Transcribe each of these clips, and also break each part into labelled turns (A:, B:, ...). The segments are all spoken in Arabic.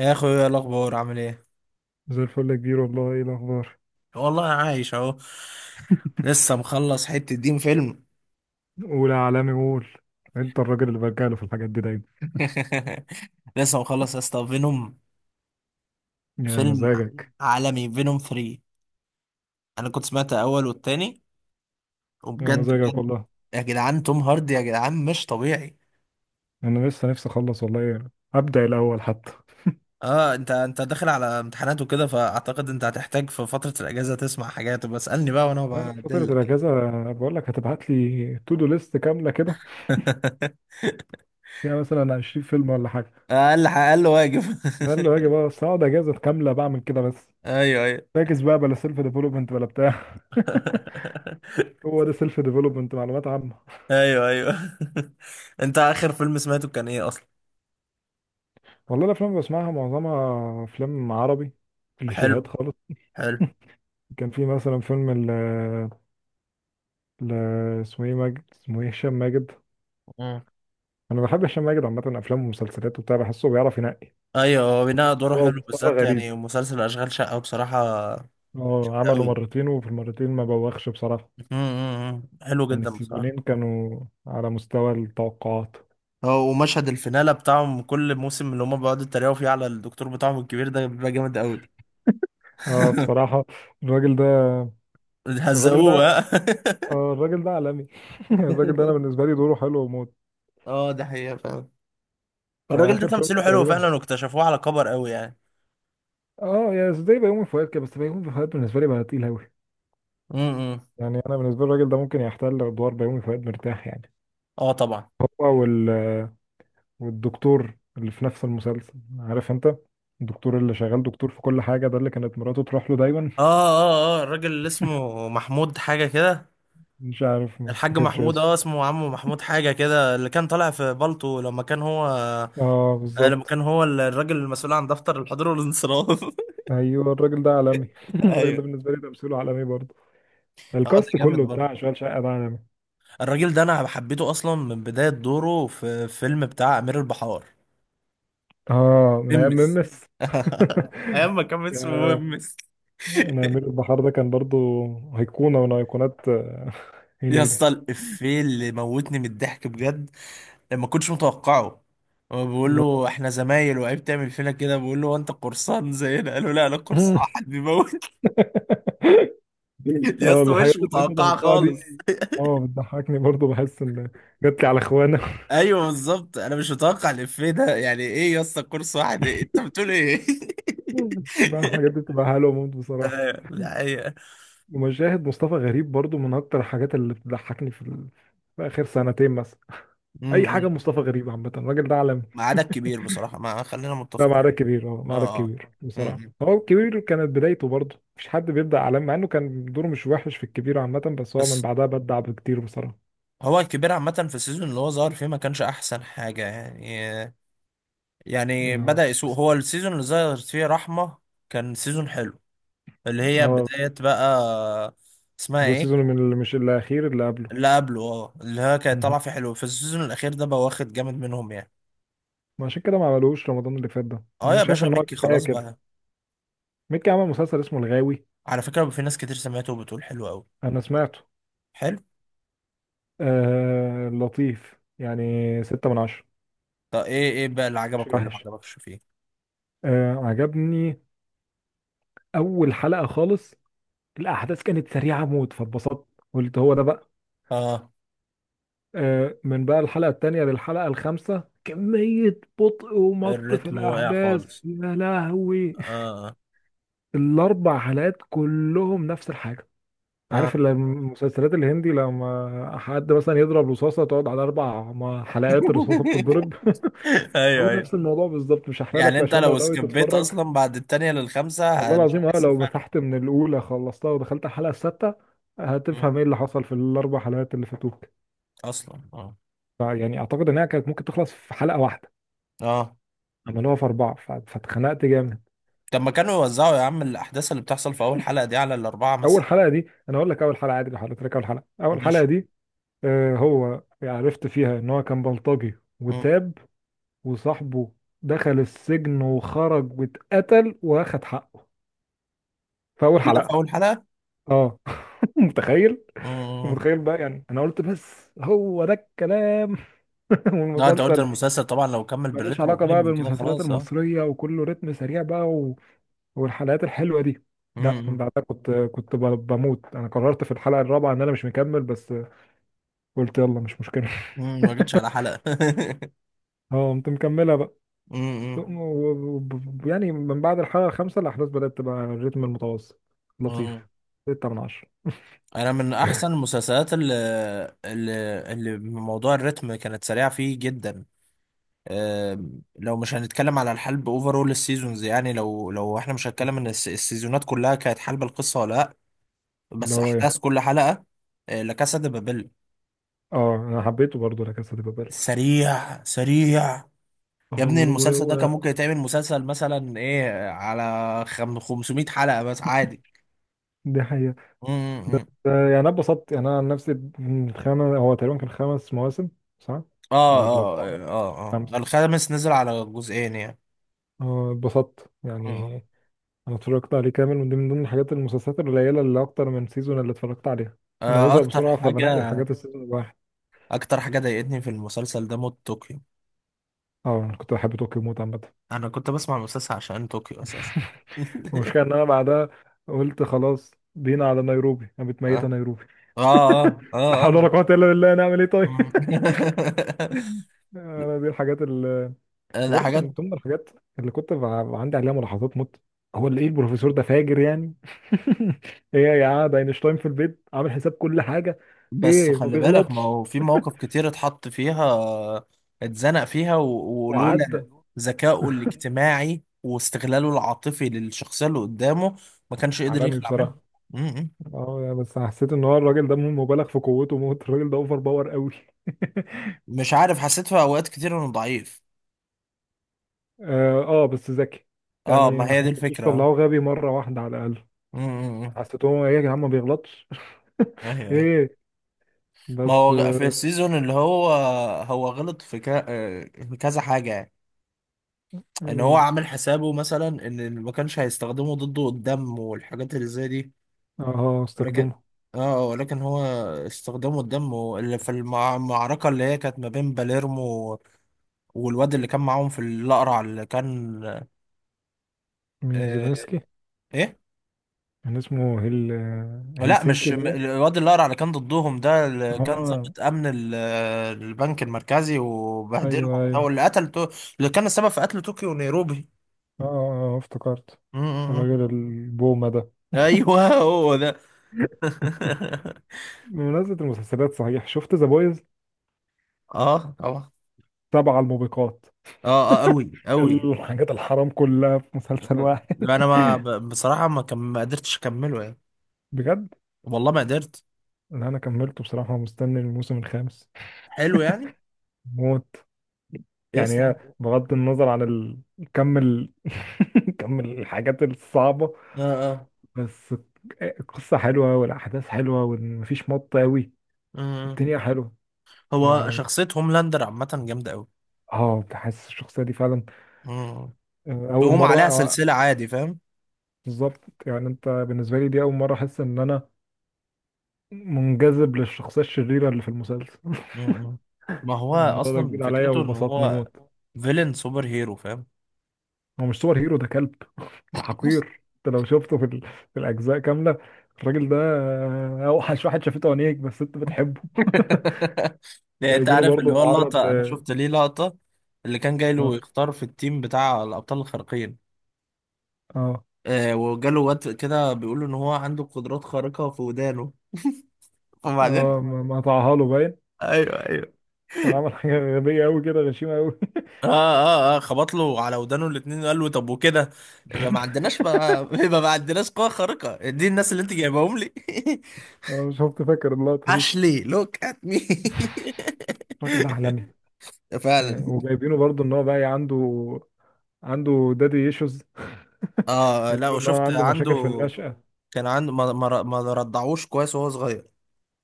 A: يا اخويا إيه الاخبار عامل ايه؟
B: زي الفل يا كبير، والله ايه الاخبار؟
A: والله انا عايش اهو. لسه مخلص حتة دين فيلم.
B: قول يا عالمي قول. انت الراجل اللي برجع له في الحاجات دي دايما.
A: لسه مخلص يا اسطى فينوم،
B: يا
A: فيلم
B: مزاجك.
A: عالمي فينوم 3. انا كنت سمعت الاول والتاني،
B: يا
A: وبجد
B: مزاجك
A: بجد
B: والله.
A: يا جدعان، توم هاردي يا جدعان مش طبيعي.
B: انا لسه نفسي اخلص والله، ابدا الاول حتى.
A: اه انت داخل على امتحانات وكده، فاعتقد انت هتحتاج في فترة الاجازة تسمع حاجات. بسألني بقى وانا
B: انا في فتره
A: بدلك.
B: الاجازه بقول لك، هتبعت لي تو دو ليست كامله كده فيها مثلا 20 فيلم ولا حاجه.
A: اقل اقل واجب.
B: ده اللي هاجي بقى، بس اقعد اجازه كامله بعمل كده بس.
A: ايوه ايوه.
B: فاكس بقى بلا سيلف ديفلوبمنت ولا بتاع. هو ده سيلف ديفلوبمنت، معلومات عامه.
A: ايوه ايوه. انت اخر فيلم سمعته كان ايه اصلا؟
B: والله الافلام اللي بسمعها معظمها افلام عربي،
A: حلو،
B: كليشيهات خالص.
A: حلو.
B: كان في مثلا فيلم ل... اسمه ايه ماجد، اسمه ايه، هشام ماجد.
A: مم.
B: انا بحب هشام ماجد عامه، افلامه ومسلسلاته وبتاع، بحسه بيعرف ينقي.
A: ايوه، هو بناء دوره
B: هو
A: حلو،
B: مصطفى
A: بالذات يعني
B: غريب.
A: مسلسل اشغال شقه بصراحه.
B: اه عمله
A: قوي،
B: مرتين وفي المرتين ما بوخش بصراحه.
A: حلو
B: يعني
A: جدا بصراحه.
B: السيزونين كانوا على مستوى التوقعات.
A: هو ومشهد الفينالة بتاعهم كل موسم، اللي هم بيقعدوا يتريقوا فيه على الدكتور بتاعهم الكبير ده، بيبقى جامد قوي.
B: اه بصراحه. الراجل ده الراجل ده
A: هزقوه ها.
B: الراجل ده عالمي. الراجل ده انا بالنسبه لي دوره حلو وموت.
A: اه، ده حقيقة فعلا.
B: في
A: الراجل ده
B: اخر فيلم
A: تمثيله حلو
B: تقريبا.
A: فعلا، واكتشفوه على كبر قوي يعني.
B: اه يا زي بيومي فؤاد كده، بس بيومي فؤاد بالنسبه لي بقى تقيل قوي.
A: امم.
B: يعني انا بالنسبه لي الراجل ده ممكن يحتل ادوار بيومي فؤاد مرتاح يعني.
A: اه طبعا.
B: وال- والدكتور اللي في نفس المسلسل، عارف انت، الدكتور اللي شغال دكتور في كل حاجة، ده اللي كانت مراته تروح له دايما.
A: اه اه اه، الراجل اللي اسمه محمود حاجة كده،
B: مش عارف، ما
A: الحاج
B: افتكرش
A: محمود،
B: اسمه.
A: اه اسمه عمو محمود حاجة كده، اللي كان طالع في بالطو لما كان هو،
B: اه
A: آه لما
B: بالظبط.
A: كان هو الراجل المسؤول عن دفتر الحضور والانصراف.
B: ايوه الراجل ده عالمي. الراجل ده
A: ايوه.
B: بالنسبة لي تمثيله عالمي برضه.
A: اه ده
B: الكاست
A: جامد
B: كله
A: برضه.
B: بتاع شغال شقة ده عالمي.
A: الراجل ده انا حبيته اصلا من بداية دوره في فيلم بتاع امير البحار،
B: اه من ايام
A: ممس.
B: ممس.
A: ايام ما كان
B: يا...
A: اسمه ممس.
B: انا امير البحار ده كان برضه ايقونة من ايقونات
A: يا
B: هنيدي.
A: اسطى، الافيه اللي موتني من الضحك بجد، لما كنتش متوقعه. هو بيقول
B: اللي هو...
A: له احنا زمايل وعيب تعمل فينا كده، بيقول له هو انت قرصان زينا، قال له لا انا قرصان حد بيموت. يا
B: اه
A: اسطى
B: الحياة
A: مش
B: غير
A: متوقعه
B: متوقعة دي.
A: خالص.
B: اه بتضحكني برضه، بحس ان جات لي على اخوانا.
A: ايوه بالظبط، انا مش متوقع الافيه ده، يعني ايه يا اسطى كورس واحد إيه؟ انت بتقول ايه؟
B: بتبقى الحاجات دي بتبقى حلوه موت بصراحه.
A: أيوة، دي حقيقة.
B: ومشاهد مصطفى غريب برضه من اكتر الحاجات اللي بتضحكني في اخر سنتين مثلا. اي حاجه
A: أمم.
B: مصطفى غريب عامه، الراجل ده عالمي.
A: ميعادك كبير بصراحة، ما خلينا
B: لا،
A: متفقين.
B: معركة كبير. اه معركة
A: اه اه.
B: كبير بصراحه.
A: أمم.
B: هو الكبير كانت بدايته برضه مش حد بيبدا عالمي، مع انه كان دوره مش وحش في الكبير عامه، بس هو من
A: بس
B: بعدها بدع بكتير بصراحه.
A: هو الكبير عامة في السيزون اللي هو ظهر فيه ما كانش أحسن حاجة يعني. يعني
B: اه
A: بدأ يسوق
B: بس-
A: هو السيزون اللي ظهر فيه رحمة، كان سيزون حلو، اللي هي
B: اه
A: بداية بقى، اسمها
B: ده
A: ايه،
B: سيزون من اللي مش الاخير، اللي قبله.
A: اللي قبله. اه، اللي هو كانت
B: مهم.
A: طالعه فيه حلو في السيزون الاخير ده بقى، واخد جامد منهم يعني.
B: ما عشان كده ما عملوش رمضان اللي فات ده،
A: اه
B: انا
A: يا
B: شايف
A: باشا،
B: ان هو
A: ميكي
B: كفايه
A: خلاص
B: كده.
A: بقى.
B: ميكي عمل مسلسل اسمه الغاوي.
A: على فكره بقى في ناس كتير سمعته وبتقول حلو قوي.
B: انا سمعته.
A: حلو.
B: آه لطيف يعني. ستة من عشرة.
A: طب ايه ايه بقى اللي
B: مش
A: عجبك واللي ما
B: وحش.
A: عجبكش فيه؟
B: آه عجبني اول حلقة خالص، الاحداث كانت سريعة موت فاتبسطت، قلت هو ده بقى.
A: اه،
B: آه، من بقى الحلقة التانية للحلقة الخامسة كمية بطء ومط في
A: الريتم واقع
B: الاحداث
A: خالص.
B: يا لهوي.
A: اه
B: الاربع حلقات كلهم نفس الحاجة. عارف
A: اه.
B: المسلسلات الهندي، لما حد مثلا يضرب رصاصة تقعد على أربع حلقات الرصاصة بتتضرب. هو
A: ايوه ايوه.
B: نفس الموضوع بالظبط، مش هحرق
A: يعني
B: لك
A: انت
B: عشان لو
A: لو
B: ناوي
A: سكبيت
B: تتفرج.
A: اصلا بعد التانية
B: والله
A: للخامسة مش
B: العظيم، اه
A: هتحس
B: لو
A: بفرق.
B: مسحت من الاولى خلصتها ودخلت على الحلقه السادسه
A: مم.
B: هتفهم ايه اللي حصل في الاربع حلقات اللي فاتوك.
A: اصلا اه.
B: فيعني اعتقد انها كانت ممكن تخلص في حلقه واحده،
A: اه
B: عملوها في اربعه فاتخنقت جامد.
A: طب ما كانوا يوزعوا يا عم الاحداث اللي بتحصل في اول حلقة دي على الاربعة
B: اول
A: مثلا.
B: حلقه دي انا اقول لك، اول حلقه عادي لو حضرتك، اول حلقه
A: ماشي.
B: دي. آه هو يعني عرفت فيها ان هو كان بلطجي
A: مم.
B: وتاب، وصاحبه دخل السجن وخرج واتقتل واخد حقه، في اول
A: كل ده في
B: حلقه.
A: اول حلقة؟
B: اه متخيل؟
A: مم.
B: ومتخيل بقى، يعني انا قلت بس هو ده الكلام.
A: لا انت قلت
B: والمسلسل
A: المسلسل طبعا لو كمل
B: ملوش
A: بالريتم
B: علاقه
A: قريب
B: بقى
A: من كده
B: بالمسلسلات
A: خلاص، اه.
B: المصريه، وكله رتم سريع بقى و... والحلقات الحلوه دي. لا من
A: امم.
B: بعدها بموت. انا قررت في الحلقه الرابعه ان انا مش مكمل، بس قلت يلا مش مشكله.
A: امم، ما جيتش على حلقة.
B: اه قمت مكملها بقى، و-
A: امم.
B: و- يعني من بعد الحلقه الخامسه الاحداث بدات تبقى الريتم المتوسط، لطيف.
A: امم،
B: 6 من 10.
A: انا من احسن المسلسلات اللي، اللي اللي من موضوع الريتم كانت سريعة فيه جدا، آم، لو مش هنتكلم على الحلب اوفرول السيزونز، يعني لو احنا مش هنتكلم ان السيزونات كلها كانت حلب القصة ولا لا،
B: اللي
A: بس
B: هو ايه؟
A: احداث كل حلقة، آه، لا كاسا دي بابل.
B: اه انا حبيته برضه، لا كاسا دي بابل.
A: سريع سريع. يا
B: اه
A: ابني
B: و- و-
A: المسلسل ده
B: و-
A: كان ممكن يتعمل مسلسل مثلا ايه على 500 حلقة بس عادي.
B: دي حقيقة.
A: م- م- م.
B: آه، يعني انا اتبسطت، يعني انا عن نفسي. الخامس هو تقريبا كان خمس مواسم، صح؟
A: اه
B: او
A: اه.
B: الاربعه.
A: اه اه،
B: خمسه.
A: الخامس نزل على جزئين يعني.
B: آه، اتبسطت
A: م-
B: يعني.
A: م.
B: انا اتفرجت عليه كامل، ودي من ضمن الحاجات المسلسلات القليله اللي اكتر من سيزون اللي اتفرجت عليها. انا
A: آه،
B: بزهق
A: اكتر
B: بسرعه، فبنقي
A: حاجة.
B: الحاجات السيزون الواحد.
A: اكتر حاجة ضايقتني في المسلسل ده موت، طوكيو.
B: اه انا كنت بحب طوكيو موت عامه.
A: انا كنت بسمع المسلسل عشان طوكيو اساسا.
B: المشكله ان انا بعدها قلت خلاص بينا على نيروبي، انا
A: اه
B: متميت على نيروبي.
A: اه اه
B: لا
A: اه
B: حول ولا
A: آه.
B: قوه الا بالله، نعمل ايه طيب.
A: م.
B: انا دي الحاجات.
A: ده
B: وبرضه كان
A: حاجات.
B: ضمن الحاجات اللي عندي عليها ملاحظات موت، هو اللي ايه، البروفيسور ده فاجر يعني. ايه يا عاد، اينشتاين في البيت عامل حساب كل حاجه،
A: بس
B: ايه ما
A: خلي بالك ما
B: بيغلطش
A: هو في مواقف كتير اتحط فيها، اتزنق فيها
B: وعدى.
A: ولولا ذكائه الاجتماعي واستغلاله العاطفي للشخصية اللي قدامه ما كانش قدر
B: عالمي
A: يخلع منها.
B: بصراحه.
A: م- م.
B: اه يعني بس حسيت ان هو الراجل ده مبالغ في قوته موت، الراجل ده اوفر باور قوي.
A: مش عارف، حسيت في اوقات كتير انه ضعيف.
B: اه آه، بس ذكي.
A: اه،
B: يعني
A: ما
B: ما
A: هي دي
B: حسيتوش
A: الفكرة اه.
B: طلعوه غبي مره واحده على الاقل.
A: م- م- م.
B: حسيتهم ايه، يا جدعان ما بيغلطش.
A: ايوه ايوه.
B: ايه.
A: ما
B: بس
A: هو في
B: اه.
A: السيزون اللي هو، هو غلط في آه، في كذا حاجة يعني. ان هو عامل حسابه مثلا ان ما كانش هيستخدمه ضده قدام والحاجات اللي زي دي،
B: آه،
A: لكن
B: استخدمه.
A: اه آه، لكن هو استخدمه الدم اللي في المعركة اللي هي كانت ما بين باليرمو والواد اللي كان معاهم في الأقرع اللي كان.
B: مين،
A: آه.
B: زيلينسكي؟
A: ايه.
B: كان اسمه هل...
A: لا
B: هلسنكي
A: مش
B: باين.
A: الواد الأقرع اللي كان ضدهم ده، اللي كان
B: اه
A: ضابط أمن البنك المركزي وبهدلهم
B: ايوه
A: ده،
B: ايوه.
A: واللي قتل اللي كان السبب في قتل طوكيو ونيروبي.
B: اه آه، آه، آه، افتكرت.
A: م- م- م.
B: الراجل البومة ده.
A: ايوه هو ده.
B: بمناسبة المسلسلات، صحيح شفت ذا بويز؟
A: اه طبعا.
B: سبع الموبقات.
A: اه اه قوي قوي.
B: الحاجات الحرام كلها في مسلسل واحد.
A: لا انا ما ب- بصراحة ما قدرتش اكمله يعني.
B: بجد.
A: والله ما قدرت.
B: لا انا كملته بصراحة، مستني الموسم الخامس
A: حلو يعني،
B: موت. يعني
A: يستحق.
B: هي بغض النظر عن ال... كم ال... كم الحاجات الصعبة،
A: اه اه
B: بس القصة حلوة والأحداث حلوة ومفيش مط أوي.
A: آه.
B: الدنيا حلوة.
A: هو
B: يعني
A: شخصية هوملاندر عامة جامدة أوي.
B: اه تحس الشخصية دي فعلا.
A: مم.
B: آه، أول
A: تقوم
B: مرة
A: عليها
B: آه،
A: سلسلة عادي، فاهم.
B: بالظبط. يعني أنت بالنسبة لي دي أول مرة أحس إن أنا منجذب للشخصية الشريرة اللي في المسلسل.
A: مم. ما هو
B: الموضوع ده
A: أصلا
B: جديد عليا
A: فكرته إن
B: وبسطني
A: هو
B: موت.
A: فيلن سوبر هيرو، فاهم.
B: هو مش سوبر هيرو، ده كلب. ده حقير، أنت لو شفته في الأجزاء كاملة، الراجل ده آه، أوحش واحد شافته عينيك، بس أنت بتحبه.
A: يعني أنت
B: جايبينه
A: عارف اللي
B: برضه
A: هو
B: معرض
A: اللقطة، أنا
B: ل...
A: شفت ليه لقطة، اللي كان جاي له
B: اه
A: يختار في التيم بتاع الأبطال الخارقين،
B: اه
A: آه وجاله واد كده بيقول له إن هو عنده قدرات خارقة في ودانه، وبعدين
B: اه ما قطعها له باين.
A: ايوه ايوه.
B: كان عمل حاجة غبية أوي كده، غشيمة أوي.
A: اه اه اه، خبط له على ودانه الاتنين وقال له طب وكده يبقى ما عندناش بقى، يبقى ما عندناش قوة خارقة، دي الناس اللي انت جايبهم لي.
B: أنا مش شفت، فاكر اللقطة دي.
A: اشلي لوك ات مي.
B: الراجل ده عالمي. يعني
A: فعلا.
B: وجايبينه برضه ان هو بقى عنده دادي ايشوز.
A: اه لا،
B: جايبينه ان هو
A: وشفت
B: عنده
A: عنده
B: مشاكل في النشأة.
A: كان عنده، ما رضعوش كويس وهو صغير.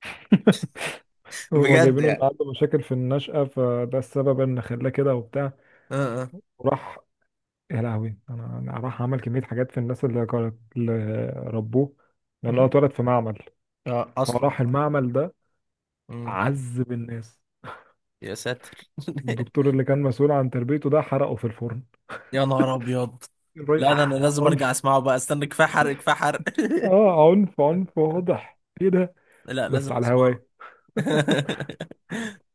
B: هو
A: بجد
B: جايبينه ان
A: يعني.
B: عنده مشاكل في النشأة، فده السبب ان خلاه كده وبتاع.
A: اه اه.
B: وراح، يا لهوي، انا أنا راح عمل كمية حاجات في الناس اللي ربوه، لان هو
A: مم.
B: اتولد في معمل.
A: اه اصلا.
B: فراح المعمل ده
A: مم.
B: عذب الناس.
A: يا ساتر.
B: الدكتور اللي كان مسؤول عن تربيته ده حرقه في الفرن.
A: يا نهار ابيض. لا انا أنا
B: آه،
A: لازم ارجع
B: عنف.
A: اسمعه بقى، استنى، كفايه حرق كفايه حرق.
B: اه عنف عنف واضح، ايه ده.
A: لا
B: بس
A: لازم
B: على
A: اسمعه.
B: هواي.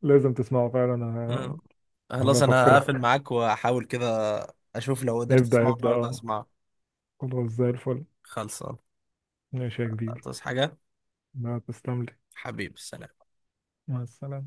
B: لازم تسمعه فعلا انا.
A: مم.
B: هبقى
A: خلاص انا هقفل
B: افكرك.
A: معاك واحاول كده، اشوف لو قدرت
B: ابدأ
A: اسمعه
B: ابدأ
A: النهارده
B: اه.
A: اسمعه.
B: خلاص زي الفل.
A: خلصان.
B: ماشي يا كبير.
A: تصحى حاجه.
B: ما تسلم لي.
A: حبيبي، سلام.
B: مع السلامة.